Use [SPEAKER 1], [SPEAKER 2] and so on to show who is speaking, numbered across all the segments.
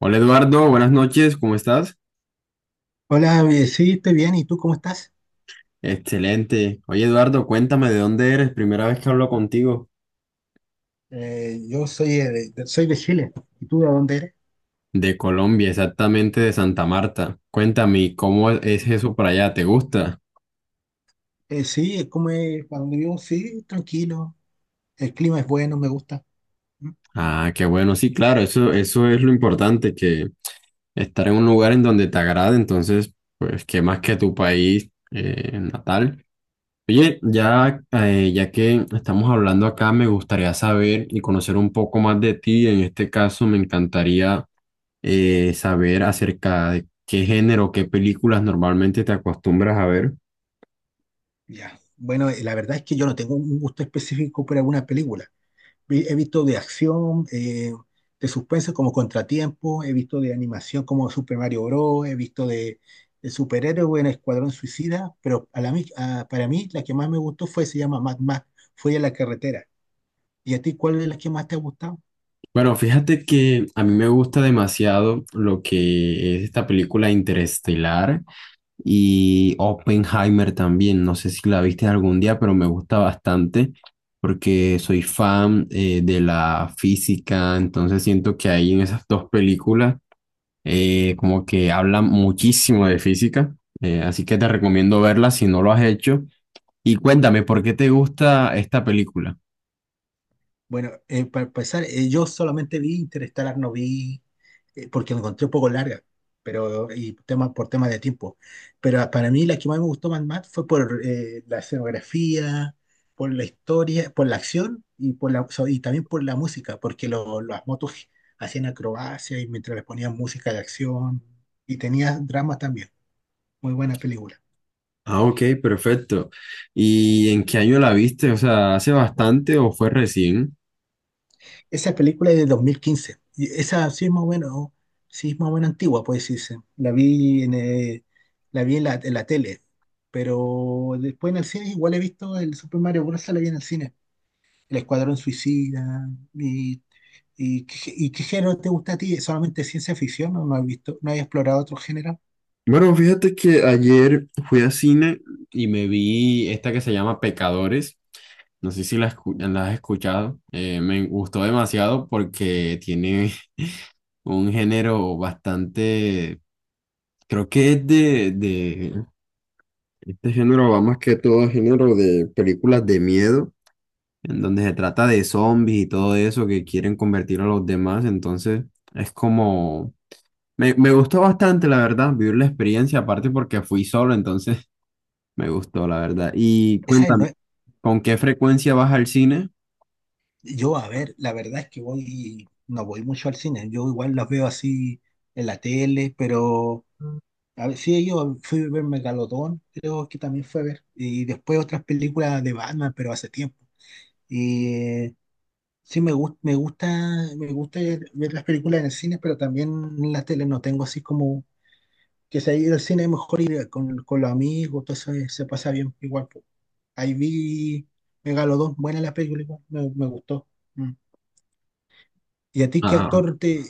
[SPEAKER 1] Hola Eduardo, buenas noches, ¿cómo estás?
[SPEAKER 2] Hola, sí, estoy bien. ¿Y tú cómo estás?
[SPEAKER 1] Excelente. Oye Eduardo, cuéntame de dónde eres, primera vez que hablo contigo.
[SPEAKER 2] Yo soy soy de Chile. ¿Y tú de dónde eres?
[SPEAKER 1] De Colombia, exactamente de Santa Marta. Cuéntame, ¿cómo es eso para allá? ¿Te gusta?
[SPEAKER 2] Sí, es como es, para donde vivo, sí, tranquilo. El clima es bueno, me gusta. Mm.
[SPEAKER 1] Ah, qué bueno, sí, claro, eso es lo importante, que estar en un lugar en donde te agrade, entonces, pues, qué más que tu país natal. Oye, ya, ya que estamos hablando acá, me gustaría saber y conocer un poco más de ti. En este caso, me encantaría saber acerca de qué género, qué películas normalmente te acostumbras a ver.
[SPEAKER 2] Ya. Bueno, la verdad es que yo no tengo un gusto específico por alguna película. He visto de acción, de suspenso como Contratiempo, he visto de animación como Super Mario Bros., he visto de superhéroes en Escuadrón Suicida, pero a la mi- a- para mí la que más me gustó fue, se llama Mad Max, fue a la carretera. ¿Y a ti cuál es la que más te ha gustado?
[SPEAKER 1] Bueno, fíjate que a mí me gusta demasiado lo que es esta película Interestelar y Oppenheimer también. No sé si la viste algún día, pero me gusta bastante porque soy fan de la física, entonces siento que ahí en esas dos películas como que hablan muchísimo de física, así que te recomiendo verlas si no lo has hecho. Y cuéntame, ¿por qué te gusta esta película?
[SPEAKER 2] Bueno, para empezar, yo solamente vi Interestelar, no vi, porque la encontré un poco larga, pero y tema, por temas de tiempo. Pero para mí la que más me gustó más, más fue por la escenografía, por la historia, por la acción y, y también por la música, porque las motos hacían acrobacias y mientras les ponían música de acción y tenía dramas también. Muy buena película.
[SPEAKER 1] Ah, ok, perfecto. ¿Y en qué año la viste? O sea, ¿hace bastante o fue recién?
[SPEAKER 2] Esa película es de 2015. Y esa sí es más o menos, sí es más o menos antigua, puede decirse. La vi la vi en la tele. Pero después en el cine igual he visto el Super Mario Bros. La vi en el cine. El Escuadrón Suicida. ¿Y, ¿Y qué género te gusta a ti? ¿Solamente ciencia ficción? ¿No, no has visto, no has explorado otro género?
[SPEAKER 1] Bueno, fíjate que ayer fui a cine y me vi esta que se llama Pecadores. No sé si la, la has escuchado. Me gustó demasiado porque tiene un género bastante, creo que es de este género va más que todo a género de películas de miedo, en donde se trata de zombies y todo eso que quieren convertir a los demás. Entonces, es como... Me gustó bastante, la verdad, vivir la experiencia, aparte porque fui solo, entonces me gustó, la verdad. Y
[SPEAKER 2] Esa es
[SPEAKER 1] cuéntame,
[SPEAKER 2] nue-
[SPEAKER 1] ¿con qué frecuencia vas al cine?
[SPEAKER 2] Yo, a ver, la verdad es que voy, no voy mucho al cine. Yo igual las veo así en la tele, pero a ver, sí, yo fui a ver Megalodón, creo que también fue a ver. Y después otras películas de Batman, pero hace tiempo. Y eh, sí, me gusta ver las películas en el cine, pero también en la tele no tengo así como que si ir al cine es mejor ir con los amigos, todo eso se pasa bien igual po. Ahí vi Megalodón, buena la película, igual, me gustó. Mm. ¿Y a ti qué
[SPEAKER 1] Ah,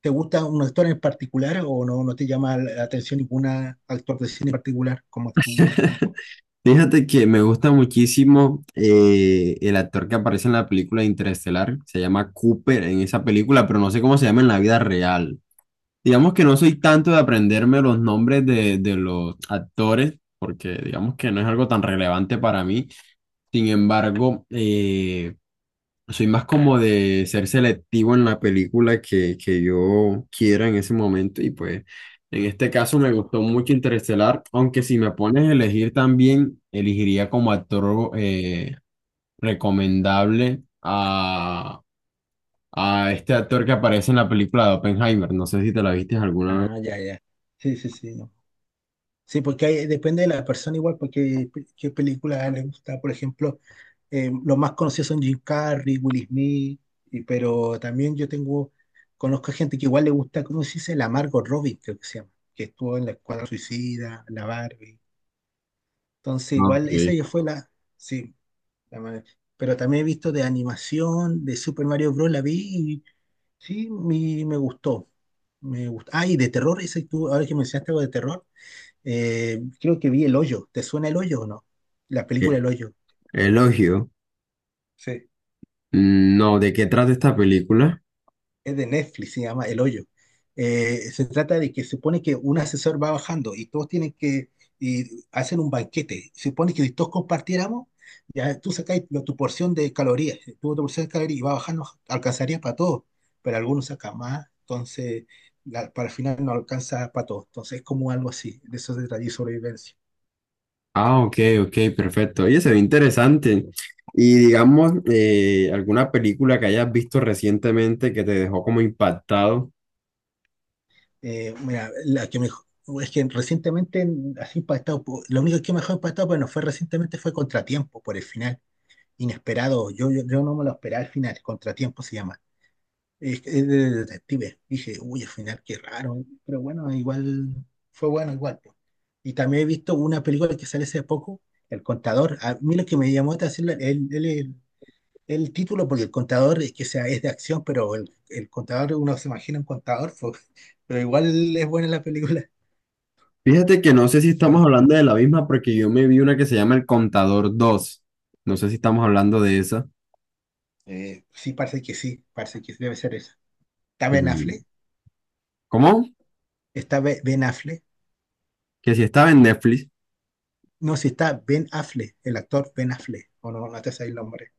[SPEAKER 2] te gusta un actor en particular o no, no te llama la atención ningún actor de cine en particular, como actúa, todo?
[SPEAKER 1] fíjate que me gusta muchísimo el actor que aparece en la película Interestelar, se llama Cooper en esa película, pero no sé cómo se llama en la vida real. Digamos que no soy tanto de aprenderme los nombres de los actores, porque digamos que no es algo tan relevante para mí. Sin embargo, soy más como de ser selectivo en la película que yo quiera en ese momento. Y pues en este caso me gustó mucho Interestelar, aunque si me pones a elegir también, elegiría como actor recomendable a este actor que aparece en la película de Oppenheimer. No sé si te la viste alguna vez.
[SPEAKER 2] Ah, ya, ya. Sí, sí, sí. No. Sí, porque depende de la persona igual, porque qué película le gusta. Por ejemplo, los más conocidos son Jim Carrey, Will Smith, pero también conozco gente que igual le gusta, ¿cómo se dice? La Margot Robbie, creo que se llama, que estuvo en la Escuadra Suicida, la Barbie. Entonces,
[SPEAKER 1] Ah, ok.
[SPEAKER 2] igual esa ya fue la, sí, la ma- Pero también he visto de animación, de Super Mario Bros. La vi y sí, me gustó. Me gustó. Ah, y de terror, ese tú, ahora que mencionaste algo de terror. Creo que vi El Hoyo. ¿Te suena El Hoyo o no? La película
[SPEAKER 1] Eh,
[SPEAKER 2] El Hoyo.
[SPEAKER 1] Elogio.
[SPEAKER 2] Sí,
[SPEAKER 1] Mm, no, ¿de qué trata esta película?
[SPEAKER 2] es de Netflix, se llama El Hoyo. Se trata de que se supone que un asesor va bajando y todos tienen que y hacen un banquete. Se supone que si todos compartiéramos, ya tú sacáis tu porción de calorías, tu otra porción de calorías y va bajando, alcanzaría para todos, pero algunos sacan más, entonces para el final no alcanza para todos. Entonces es como algo así, de eso se trata de sobrevivencia.
[SPEAKER 1] Ah, ok, ok, perfecto. Oye, se ve interesante. Y digamos, alguna película que hayas visto recientemente que te dejó como impactado.
[SPEAKER 2] Mira, es que recientemente, así impactado, lo único que mejor impactado, bueno, fue recientemente fue Contratiempo por el final, inesperado. Yo no me lo esperaba al final, Contratiempo se llama. Es de detective. Dije, uy, al final qué raro, pero bueno, igual fue bueno, igual po. Y también he visto una película que sale hace poco, El Contador. A mí lo que me llamó la atención, él, el título, porque el contador es que sea, es de acción, pero el contador, uno se imagina un contador, pues, pero igual es buena la película.
[SPEAKER 1] Fíjate que no sé si estamos
[SPEAKER 2] Pero,
[SPEAKER 1] hablando de la misma porque yo me vi una que se llama El Contador dos. No sé si estamos hablando de esa.
[SPEAKER 2] sí, parece que debe ser esa. ¿Está Ben
[SPEAKER 1] Mm,
[SPEAKER 2] Affleck?
[SPEAKER 1] ¿cómo?
[SPEAKER 2] ¿Está Ben Affleck?
[SPEAKER 1] Que si estaba en Netflix.
[SPEAKER 2] No, si está Ben Affleck, el actor Ben Affleck, o no, no te sabes el nombre.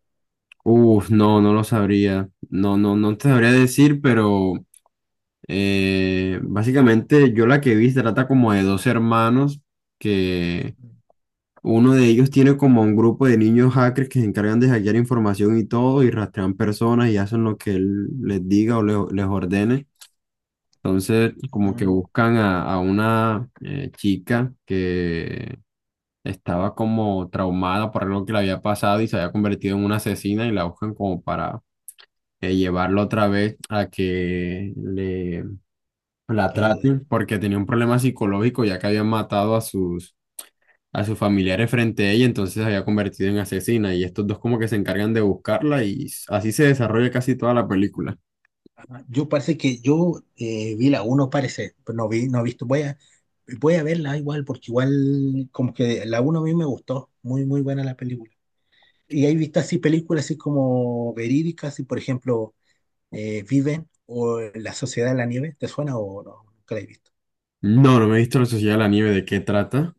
[SPEAKER 1] Uf, no, no lo sabría. No te sabría decir, pero básicamente yo la que vi se trata como de dos hermanos que uno de ellos tiene como un grupo de niños hackers que se encargan de hackear información y todo y rastrean personas y hacen lo que él les diga o les ordene. Entonces como que
[SPEAKER 2] Mm,
[SPEAKER 1] buscan a una chica que estaba como traumada por algo que le había pasado y se había convertido en una asesina y la buscan como para llevarla otra vez a que le la
[SPEAKER 2] ayude.
[SPEAKER 1] traten porque tenía un problema psicológico ya que habían matado a sus familiares frente a ella, entonces se había convertido en asesina y estos dos como que se encargan de buscarla y así se desarrolla casi toda la película.
[SPEAKER 2] Yo parece que yo vi la uno parece, pero no vi, no he visto. Voy a verla igual, porque igual como que la uno a mí me gustó. Muy, muy buena la película. Y hay vistas así películas así como verídicas, y por ejemplo, Viven o La Sociedad de la Nieve, ¿te suena o no? Nunca la he visto.
[SPEAKER 1] No, no me he visto La Sociedad de la Nieve, ¿de qué trata?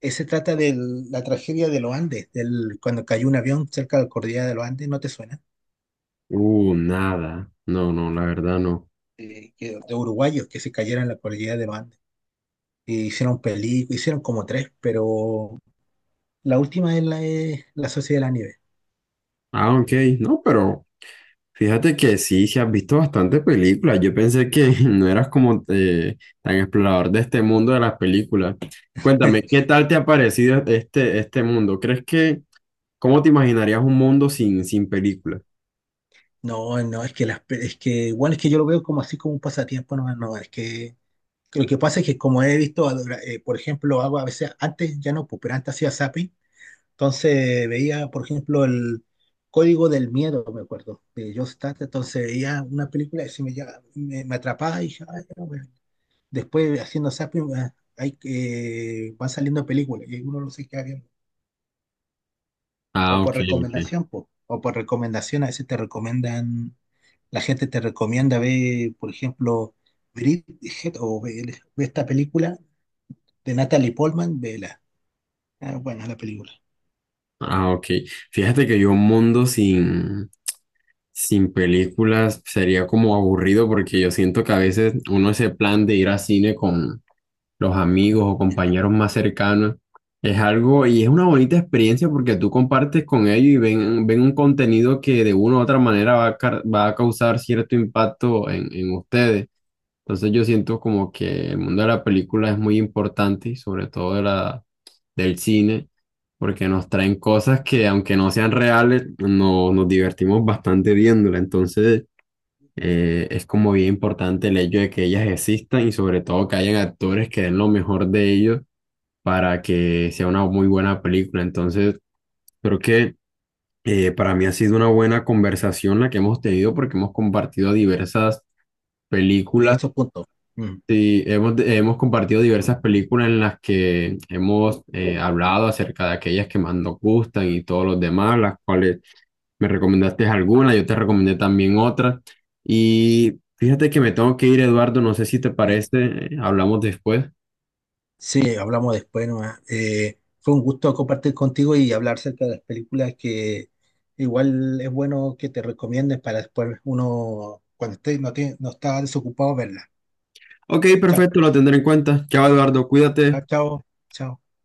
[SPEAKER 2] Se trata de la tragedia de los Andes, del, cuando cayó un avión cerca de la cordillera de los Andes, ¿no te suena?
[SPEAKER 1] Nada. No, no, la verdad no.
[SPEAKER 2] De uruguayos que se cayeron en la cordillera de los Andes. Y hicieron películas, hicieron como tres, pero la última es es la Sociedad de la Nieve.
[SPEAKER 1] Ah, ok, no, pero fíjate que sí, sí has visto bastantes películas. Yo pensé que no eras como tan explorador de este mundo de las películas. Cuéntame, ¿qué tal
[SPEAKER 2] Eh,
[SPEAKER 1] te ha parecido este mundo? ¿Crees que ¿cómo te imaginarías un mundo sin, sin películas?
[SPEAKER 2] No, no, es que es que igual es que yo lo veo como así como un pasatiempo, no, no, es que lo que pasa es que como he visto, por ejemplo, hago a veces, antes ya no, pues, pero antes hacía zapping, entonces veía, por ejemplo, el Código del Miedo, me acuerdo, de John Stott, entonces veía una película y se me atrapaba y dije, "Ah, ya, bueno". Después haciendo zapping ah, hay, que van saliendo películas y uno no se queda viendo, o
[SPEAKER 1] Ah,
[SPEAKER 2] por
[SPEAKER 1] ok, ok.
[SPEAKER 2] recomendación, po, o por recomendación, a veces te recomiendan, la gente te recomienda ver, por ejemplo, Bridget o ve esta película de Natalie Portman, vela. Ah, buena la película.
[SPEAKER 1] Ah, ok. Fíjate que yo un mundo sin, sin películas sería como aburrido porque yo siento que a veces uno ese plan de ir al cine con los amigos o
[SPEAKER 2] Ya,
[SPEAKER 1] compañeros más cercanos es algo y es una bonita experiencia porque tú compartes con ellos y ven un contenido que de una u otra manera va a, va a causar cierto impacto en ustedes. Entonces yo siento como que el mundo de la película es muy importante y sobre todo de la, del cine, porque nos traen cosas que aunque no sean reales, no, nos divertimos bastante viéndola. Entonces es como bien importante el hecho de que ellas existan y sobre todo que hayan actores que den lo mejor de ellos para que sea una muy buena película. Entonces creo que para mí ha sido una buena conversación la que hemos tenido porque hemos compartido diversas
[SPEAKER 2] de
[SPEAKER 1] películas.
[SPEAKER 2] estos puntos. Mm,
[SPEAKER 1] Sí, hemos compartido diversas películas en las que hemos hablado acerca de aquellas que más nos gustan y todos los demás, las cuales me recomendaste algunas, yo te recomendé también otras. Y fíjate que me tengo que ir, Eduardo, no sé si te
[SPEAKER 2] ya.
[SPEAKER 1] parece, hablamos después.
[SPEAKER 2] Sí, hablamos después nomás. Fue un gusto compartir contigo y hablar acerca de las películas que igual es bueno que te recomiendes para después uno, cuando esté, no, te, no está desocupado, verla.
[SPEAKER 1] Ok,
[SPEAKER 2] Chao,
[SPEAKER 1] perfecto, lo tendré en cuenta. Chao, Eduardo,
[SPEAKER 2] chao,
[SPEAKER 1] cuídate.
[SPEAKER 2] chao. Chao.